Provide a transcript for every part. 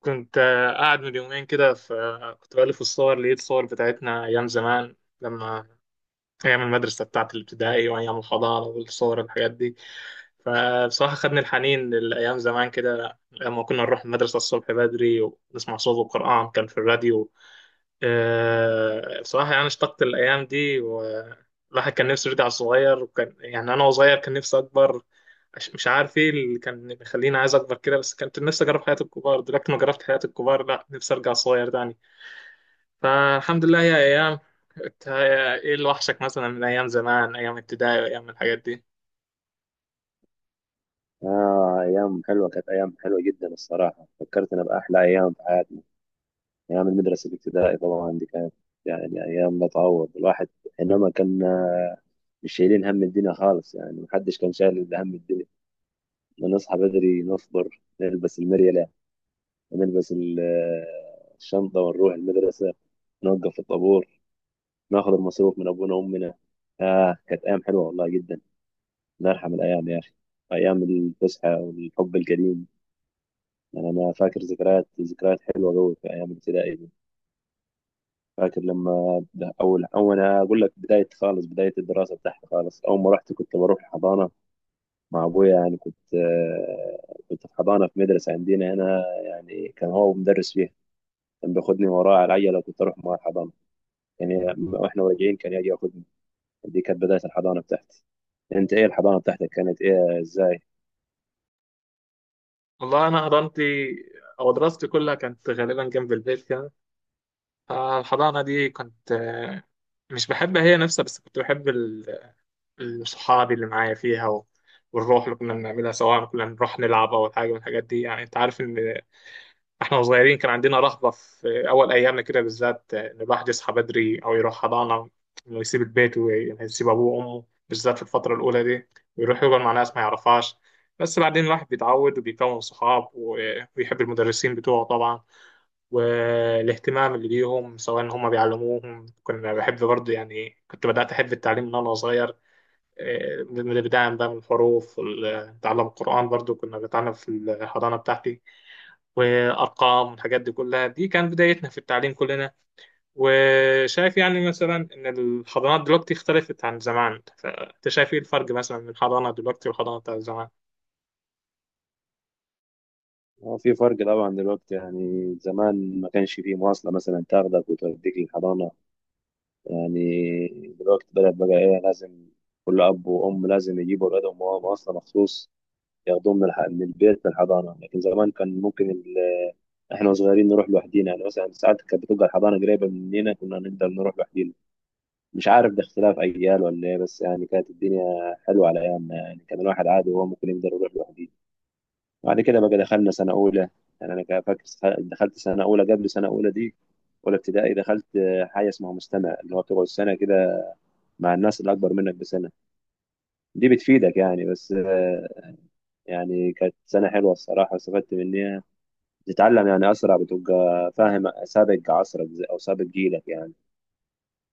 كنت قاعد من يومين كده، فكنت بألف الصور، لقيت صور بتاعتنا أيام زمان لما أيام المدرسة بتاعت الابتدائي وأيام الحضانة والصور الحاجات دي. فبصراحة خدني الحنين لأيام زمان كده لما كنا نروح المدرسة الصبح بدري ونسمع صوت القرآن كان في الراديو. بصراحة يعني اشتقت الأيام دي، والواحد كان نفسه يرجع صغير، وكان يعني أنا وصغير كان نفسي أكبر. مش عارف إيه اللي كان بيخليني عايز أكبر كده، بس كنت نفسي أجرب حياة الكبار. دلوقتي ما جربت حياة الكبار، لا نفسي أرجع صغير تاني. فالحمد لله، هي أيام. إنت إيه اللي وحشك مثلا من أيام زمان، أيام ابتدائي وأيام الحاجات دي؟ آه، أيام حلوة. كانت أيام حلوة جدا الصراحة، فكرتنا بأحلى أيام في حياتنا. أيام المدرسة الابتدائي طبعا دي كانت يعني أيام لا تعوض الواحد. إنما كنا مش شايلين هم الدنيا خالص، يعني محدش كان شايل إلا هم الدنيا. نصحى بدري، نفطر، نلبس المريلة ونلبس الشنطة ونروح المدرسة، نوقف في الطابور، ناخد المصروف من أبونا وأمنا. آه كانت أيام حلوة والله جدا. نرحم الأيام يا أخي، أيام الفسحة والحب القديم. يعني انا فاكر ذكريات حلوه قوي في ايام الابتدائي دي. فاكر لما ده اول أنا اقول لك بدايه خالص، بدايه الدراسه بتاعتي خالص. اول ما رحت كنت بروح حضانه مع ابويا. يعني كنت كنت في حضانه في مدرسه عندنا هنا، يعني كان هو مدرس فيها. كان بياخدني وراه على العجله، كنت اروح مع الحضانه، يعني واحنا راجعين كان يجي ياخدني. دي كانت بدايه الحضانه بتاعتي. انت ايه الحضانه بتاعتك كانت ايه ازاي؟ والله أنا حضانتي أو دراستي كلها كانت غالبا جنب البيت كده. فالحضانة دي كنت مش بحبها هي نفسها، بس كنت بحب صحابي اللي معايا فيها والروح اللي كنا بنعملها، سواء كنا بنروح نلعب أو حاجة من الحاجات دي. يعني أنت عارف إن إحنا صغيرين كان عندنا رهبة في أول أيامنا كده، بالذات إن الواحد يصحى بدري أو يروح حضانة، إنه يسيب البيت ويسيب أبوه وأمه بالذات في الفترة الأولى دي، ويروح يقعد مع ناس ما يعرفهاش. بس بعدين الواحد بيتعود، وبيكون صحاب ويحب المدرسين بتوعه طبعا، والاهتمام اللي بيهم سواء هم بيعلموهم، كنا بحب برضه. يعني كنت بدأت أحب التعليم من وأنا صغير، اللي بيتعلم بقى من الحروف وتعلم القرآن. برضو كنا بنتعلم في الحضانة بتاعتي وأرقام والحاجات دي كلها، دي كانت بدايتنا في التعليم كلنا. وشايف يعني مثلا إن الحضانات دلوقتي اختلفت عن زمان، فأنت شايف إيه الفرق مثلا من الحضانة دلوقتي والحضانة بتاعت زمان؟ هو في فرق طبعا دلوقتي. يعني زمان ما كانش فيه مواصله مثلا تاخدك وتوديك للحضانه. يعني دلوقتي بدأت بقى إيه، لازم كل أب وأم لازم يجيبوا أولادهم، وهم أصلا مخصوص ياخدوهم من البيت للحضانة. لكن زمان كان ممكن إحنا صغيرين نروح لوحدينا. يعني مثلا ساعات كانت بتبقى الحضانة قريبة مننا، كنا نقدر نروح لوحدينا. مش عارف ده اختلاف أجيال ولا إيه، بس يعني كانت الدنيا حلوة على أيامنا، يعني كان الواحد عادي وهو ممكن يقدر يروح لوحده. بعد كده بقى دخلنا سنة أولى. يعني أنا كان فاكر، دخلت سنة أولى. قبل سنة أولى دي، أولى ابتدائي، دخلت حاجة اسمها مستمع، اللي هو بتقعد سنة كده مع الناس اللي اكبر منك بسنه. دي بتفيدك يعني. بس يعني كانت سنه حلوه الصراحه، استفدت منها. تتعلم يعني اسرع، بتبقى فاهم سابق عصرك، او سابق جيلك يعني.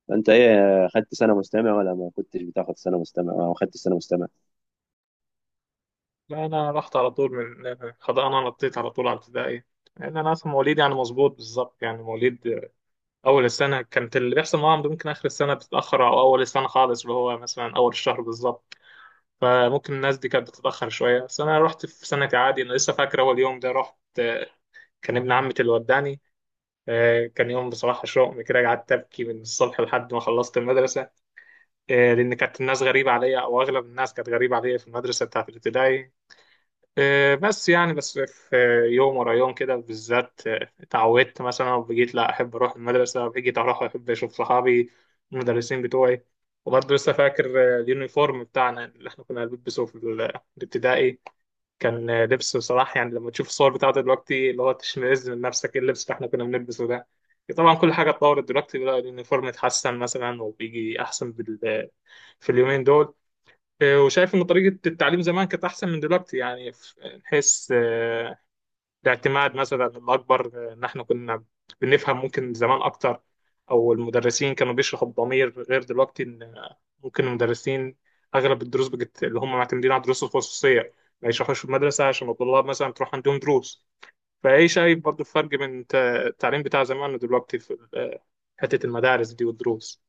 فانت ايه، خدت سنه مستمع ولا ما كنتش بتاخد سنه مستمع، او خدت سنه مستمع؟ لا، أنا رحت على طول من الحضانة، نطيت على طول على ابتدائي، لأن أنا أصلا مواليد يعني مظبوط بالظبط، يعني مواليد أول السنة. كانت اللي بيحصل معاهم ده ممكن آخر السنة بتتأخر، أو أول السنة خالص اللي هو مثلا أول الشهر بالظبط، فممكن الناس دي كانت بتتأخر شوية. بس أنا رحت في سنتي عادي. أنا لسه فاكر أول يوم ده، رحت كان ابن عمتي اللي وداني. كان يوم بصراحة شوق كده، قعدت أبكي من الصبح لحد ما خلصت المدرسة. لأن كانت الناس غريبة عليا، أو أغلب الناس كانت غريبة عليا في المدرسة بتاعت الابتدائي. بس يعني بس في يوم ورا يوم كده بالذات اتعودت مثلا، وبقيت لا أحب أروح المدرسة، بقيت أروح أحب أشوف صحابي، المدرسين بتوعي. وبرضه لسه فاكر اليونيفورم بتاعنا اللي احنا كنا بنلبسه في الابتدائي. كان لبسه صراحة يعني لما تشوف الصور بتاعته دلوقتي، اللي هو تشمئز من نفسك ايه اللبس اللي احنا كنا بنلبسه ده. طبعا كل حاجة اتطورت دلوقتي، بقى اليونيفورم اتحسن مثلا، وبيجي أحسن في اليومين دول. وشايف إن طريقة التعليم زمان كانت أحسن من دلوقتي، يعني نحس الاعتماد مثلا الأكبر إن إحنا كنا بنفهم ممكن زمان أكتر، أو المدرسين كانوا بيشرحوا بضمير غير دلوقتي، إن ممكن المدرسين أغلب الدروس بجت اللي هم معتمدين على الدروس الخصوصية، ما يشرحوش في المدرسة عشان الطلاب مثلا تروح عندهم دروس. فإيه شايف برضو الفرق بين التعليم بتاع زمان ودلوقتي في حتة المدارس دي والدروس؟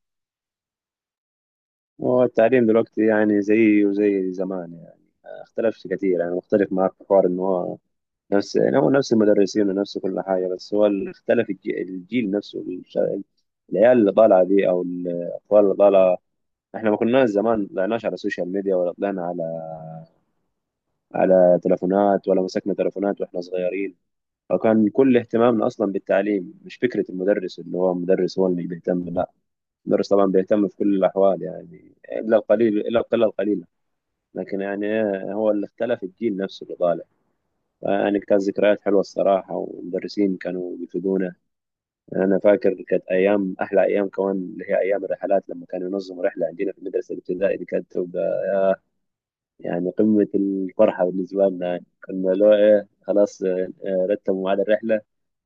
هو التعليم دلوقتي يعني زي زمان يعني، ما اختلفش كتير. يعني مختلف معاك في حوار ان هو نفس، يعني هو نفس المدرسين ونفس كل حاجه. بس هو اللي اختلف الجيل نفسه، العيال اللي طالعه دي او الاطفال اللي طالعه. احنا ما كناش زمان طلعناش على السوشيال ميديا، ولا طلعنا على على تلفونات، ولا مسكنا تلفونات واحنا صغيرين. فكان كل اهتمامنا اصلا بالتعليم. مش فكره المدرس اللي هو مدرس هو اللي بيهتم، لا، المدرس طبعا بيهتم في كل الاحوال، يعني الا القليل، الا القله القليله. لكن يعني إيه، هو اللي اختلف الجيل نفسه اللي طالع. يعني كانت ذكريات حلوه الصراحه، والمدرسين كانوا بيفيدونا. انا فاكر كانت ايام احلى ايام كمان اللي هي ايام الرحلات. لما كانوا ينظموا رحله عندنا في المدرسه الابتدائيه، دي كانت يعني قمة الفرحة بالنسبة لنا. يعني كنا لو إيه خلاص، رتبوا ميعاد الرحلة،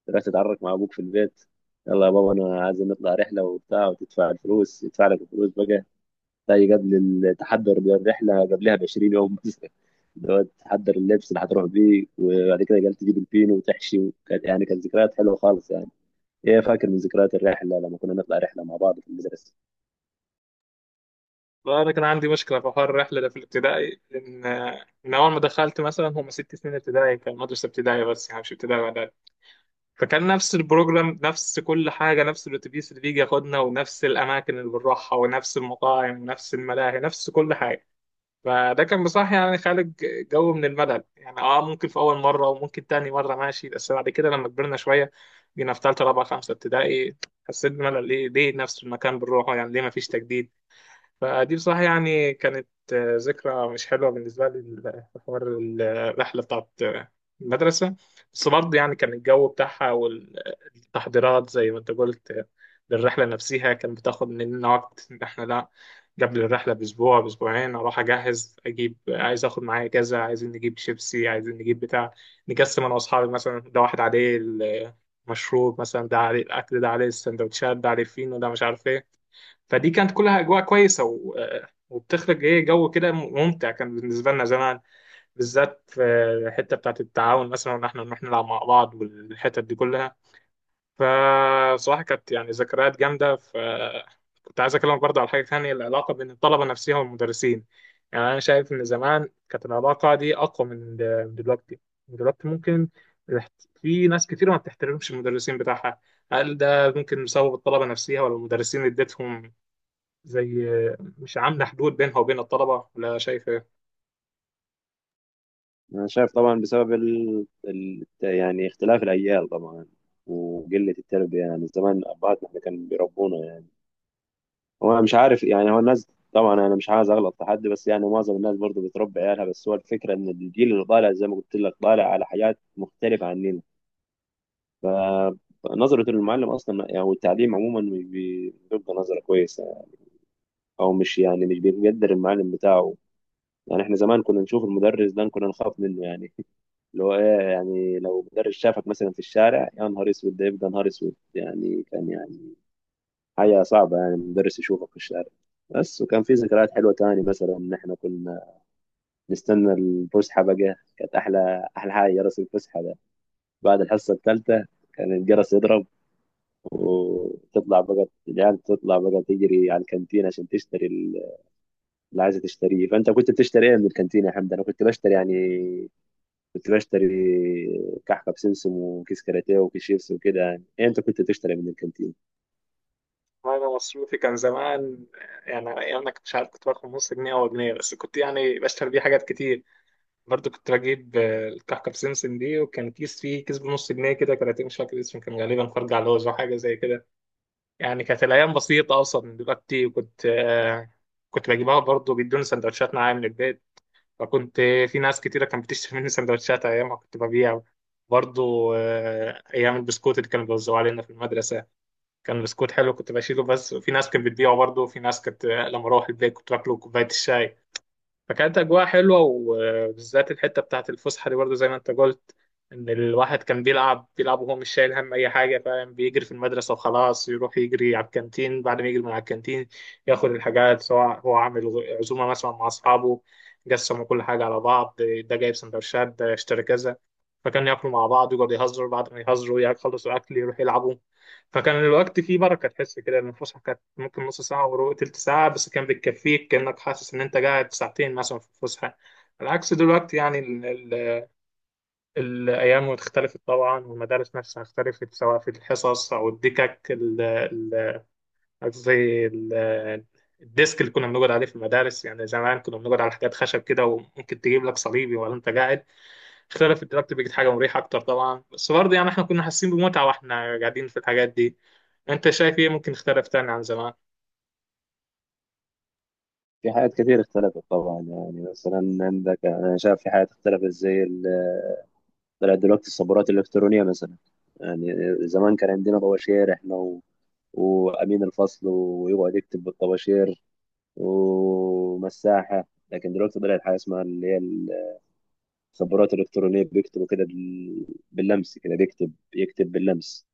رحت تتعرف مع أبوك في البيت، يلا يا بابا أنا عايز نطلع رحلة وبتاع، وتدفع الفلوس، يدفع لك الفلوس بقى. تلاقي قبل التحضر للرحلة قبلها ب 20 يوم مثلا اللي هو تحضر اللبس اللي هتروح بيه، وبعد كده قال تجيب البينو وتحشي. وكانت يعني كانت ذكريات حلوة خالص يعني. إيه فاكر من ذكريات الرحلة لما كنا نطلع رحلة مع بعض في المدرسة؟ فأنا كان عندي مشكلة في حوار الرحلة ده في الابتدائي، إن من أول ما دخلت مثلا، هم 6 سنين ابتدائي، كان مدرسة ابتدائية بس يعني مش ابتدائي، فكان نفس البروجرام، نفس كل حاجة، نفس الأتوبيس اللي بيجي ياخدنا، ونفس الأماكن اللي بنروحها، ونفس المطاعم، ونفس الملاهي، نفس كل حاجة. فده كان بصراحة يعني خالق جو من الملل. يعني اه ممكن في أول مرة، وممكن تاني مرة ماشي، بس بعد كده لما كبرنا شوية، جينا في تالتة رابعة خمسة ابتدائي، حسيت بملل. ليه نفس المكان بنروحه؟ يعني ليه مفيش تجديد؟ فدي بصراحة يعني كانت ذكرى مش حلوة بالنسبة لي، حوار الرحلة بتاعت المدرسة. بس برضه يعني كان الجو بتاعها والتحضيرات زي ما انت قلت للرحلة نفسها كان بتاخد مننا وقت، ان احنا لا، قبل الرحلة بأسبوع بأسبوعين أروح أجهز، أجيب عايز آخد معايا كذا، عايزين نجيب شيبسي، عايزين نجيب بتاع. نقسم أنا وأصحابي مثلا، ده واحد عليه المشروب مثلا، ده عليه الأكل، ده عليه السندوتشات، ده عليه الفينو، ده مش عارف إيه. فدي كانت كلها اجواء كويسه وبتخرج ايه جو كده ممتع، كان بالنسبه لنا زمان، بالذات في الحته بتاعت التعاون مثلا، وان احنا نروح نلعب مع بعض، والحتت دي كلها. فصراحه كانت يعني ذكريات جامده. كنت عايز اكلمك برضه على حاجه ثانيه، العلاقه بين الطلبه نفسها والمدرسين. يعني انا شايف ان زمان كانت العلاقه دي اقوى من دلوقتي. دلوقتي ممكن في ناس كتير ما بتحترمش المدرسين بتاعها. هل ده ممكن بسبب الطلبه نفسها، ولا المدرسين اديتهم زي مش عاملة حدود بينها وبين الطلبة؟ ولا شايف ايه؟ أنا شايف طبعا بسبب يعني اختلاف الأجيال طبعا وقلة التربية. يعني زمان أبهاتنا إحنا كانوا بيربونا يعني. هو أنا مش عارف يعني، هو الناس، طبعا أنا مش عايز أغلط في حد، بس يعني معظم الناس برضو بتربي عيالها. بس هو الفكرة إن الجيل اللي طالع زي ما قلت لك طالع على حاجات مختلفة عننا. نظرة المعلم أصلا يعني والتعليم عموما مش بيبقى نظرة كويسة يعني. أو مش يعني مش بيقدر المعلم بتاعه. يعني إحنا زمان كنا نشوف المدرس ده كنا نخاف منه يعني. اللي هو ايه يعني، لو مدرس شافك مثلا في الشارع، يا نهار اسود، ده يبقى نهار اسود يعني. كان يعني حاجه صعبه يعني المدرس يشوفك في الشارع. بس وكان في ذكريات حلوه تاني. مثلا ان احنا كنا نستنى الفسحه بقى، كانت احلى احلى حاجه جرس الفسحه ده. بعد الحصه الثالثه كان الجرس يضرب وتطلع بقى العيال، تطلع بقى تجري على الكانتين عشان تشتري اللي عايزه تشتريه. فانت كنت بتشتري ايه من الكانتين يا حمد؟ انا كنت بشتري كنت بشتري كحكه بسمسم، وكيس كاراتيه، وكيس شيبسي، وكده يعني. إيه، انت كنت تشتري من الكانتين؟ أنا مصروفي كان زمان، يعني أنا أيام ما كنت مش عارف، كنت باخد نص جنيه أو جنيه، بس كنت يعني بشتري بيه حاجات كتير. برضو كنت بجيب الكحكة بسمسم دي، وكان كيس فيه، كيس بنص جنيه كده، كراتين مش فاكر اسمه، كان غالبا فرج على لوز أو حاجة زي كده. يعني كانت الأيام بسيطة أصلا من دلوقتي، وكنت كنت بجيبها. برضو بيدوني سندوتشات معايا من البيت، فكنت في ناس كتيرة كانت بتشتري مني سندوتشات أيام ما كنت ببيع. برضو أيام البسكوت اللي كانوا بيوزعوه علينا في المدرسة، كان بسكوت حلو كنت بشيله، بس في ناس كانت بتبيعه. برضو في ناس كانت لما أروح البيت كنت باكله كوباية الشاي. فكانت أجواء حلوة، وبالذات الحتة بتاعة الفسحة دي برضه زي ما أنت قلت، إن الواحد كان بيلعب بيلعب وهو مش شايل هم أي حاجة، فاهم، بيجري في المدرسة وخلاص، يروح يجري على الكانتين. بعد ما يجري من على الكانتين ياخد الحاجات، سواء هو عامل عزومة مثلا مع أصحابه، قسموا كل حاجة على بعض، ده جايب سندوتشات، ده اشترى كذا، فكانوا ياكلوا مع بعض ويقعدوا يهزروا، بعد ما يهزروا يخلصوا أكل يروحوا يلعبوا. فكان الوقت فيه بركة، تحس كده إن الفسحة كانت ممكن نص ساعة وربع تلت ساعة، بس كان بتكفيك، كأنك حاسس إن أنت قاعد ساعتين مثلا في الفسحة. على عكس دلوقتي، يعني ال ال الأيام اختلفت طبعا، والمدارس نفسها اختلفت، سواء في الحصص أو الدكك قصدي الديسك اللي كنا بنقعد عليه في المدارس. يعني زمان كنا بنقعد على حاجات خشب كده، وممكن تجيب لك صليبي ولا أنت قاعد. اختلف الدلوقتي، بقت حاجة مريحة أكتر طبعا، بس برضه يعني إحنا كنا حاسين بمتعة وإحنا قاعدين في الحاجات دي. أنت شايف إيه ممكن اختلف تاني عن زمان؟ في حاجات كتير اختلفت طبعا. يعني مثلا عندك، انا شايف في حاجات اختلفت طلعت دلوقتي الصبورات الالكترونيه مثلا. يعني زمان كان عندنا طباشير احنا و وامين الفصل ويقعد يكتب بالطباشير ومساحه. لكن دلوقتي طلعت حاجه اسمها اللي هي الصبورات الالكترونيه، بيكتبوا كده باللمس كده، بيكتب يكتب باللمس.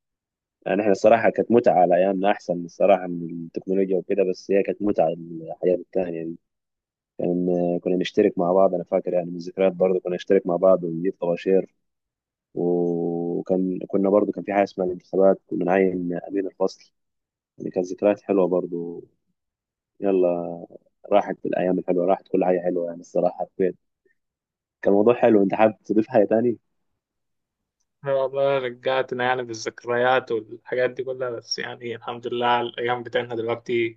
يعني احنا الصراحة كانت متعة على أيامنا أحسن الصراحة من التكنولوجيا وكده. بس هي كانت متعة الحياة التانية دي. كان كنا نشترك مع بعض. أنا فاكر يعني من الذكريات برضه، كنا نشترك مع بعض ونجيب طباشير. وكان كنا برضه كان في حاجة اسمها الانتخابات، كنا نعين أمين الفصل. يعني كانت ذكريات حلوة برضه. يلا، راحت الأيام الحلوة، راحت كل حاجة حلوة يعني. الصراحة حبيت، كان موضوع حلو. أنت حابب تضيف حاجة تاني؟ أنا والله رجعتنا يعني بالذكريات والحاجات دي كلها، بس يعني الحمد لله على الأيام بتاعتنا دلوقتي.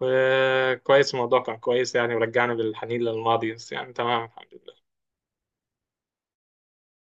وكويس، الموضوع كان كويس، يعني ورجعنا بالحنين للماضي، بس يعني تمام الحمد لله.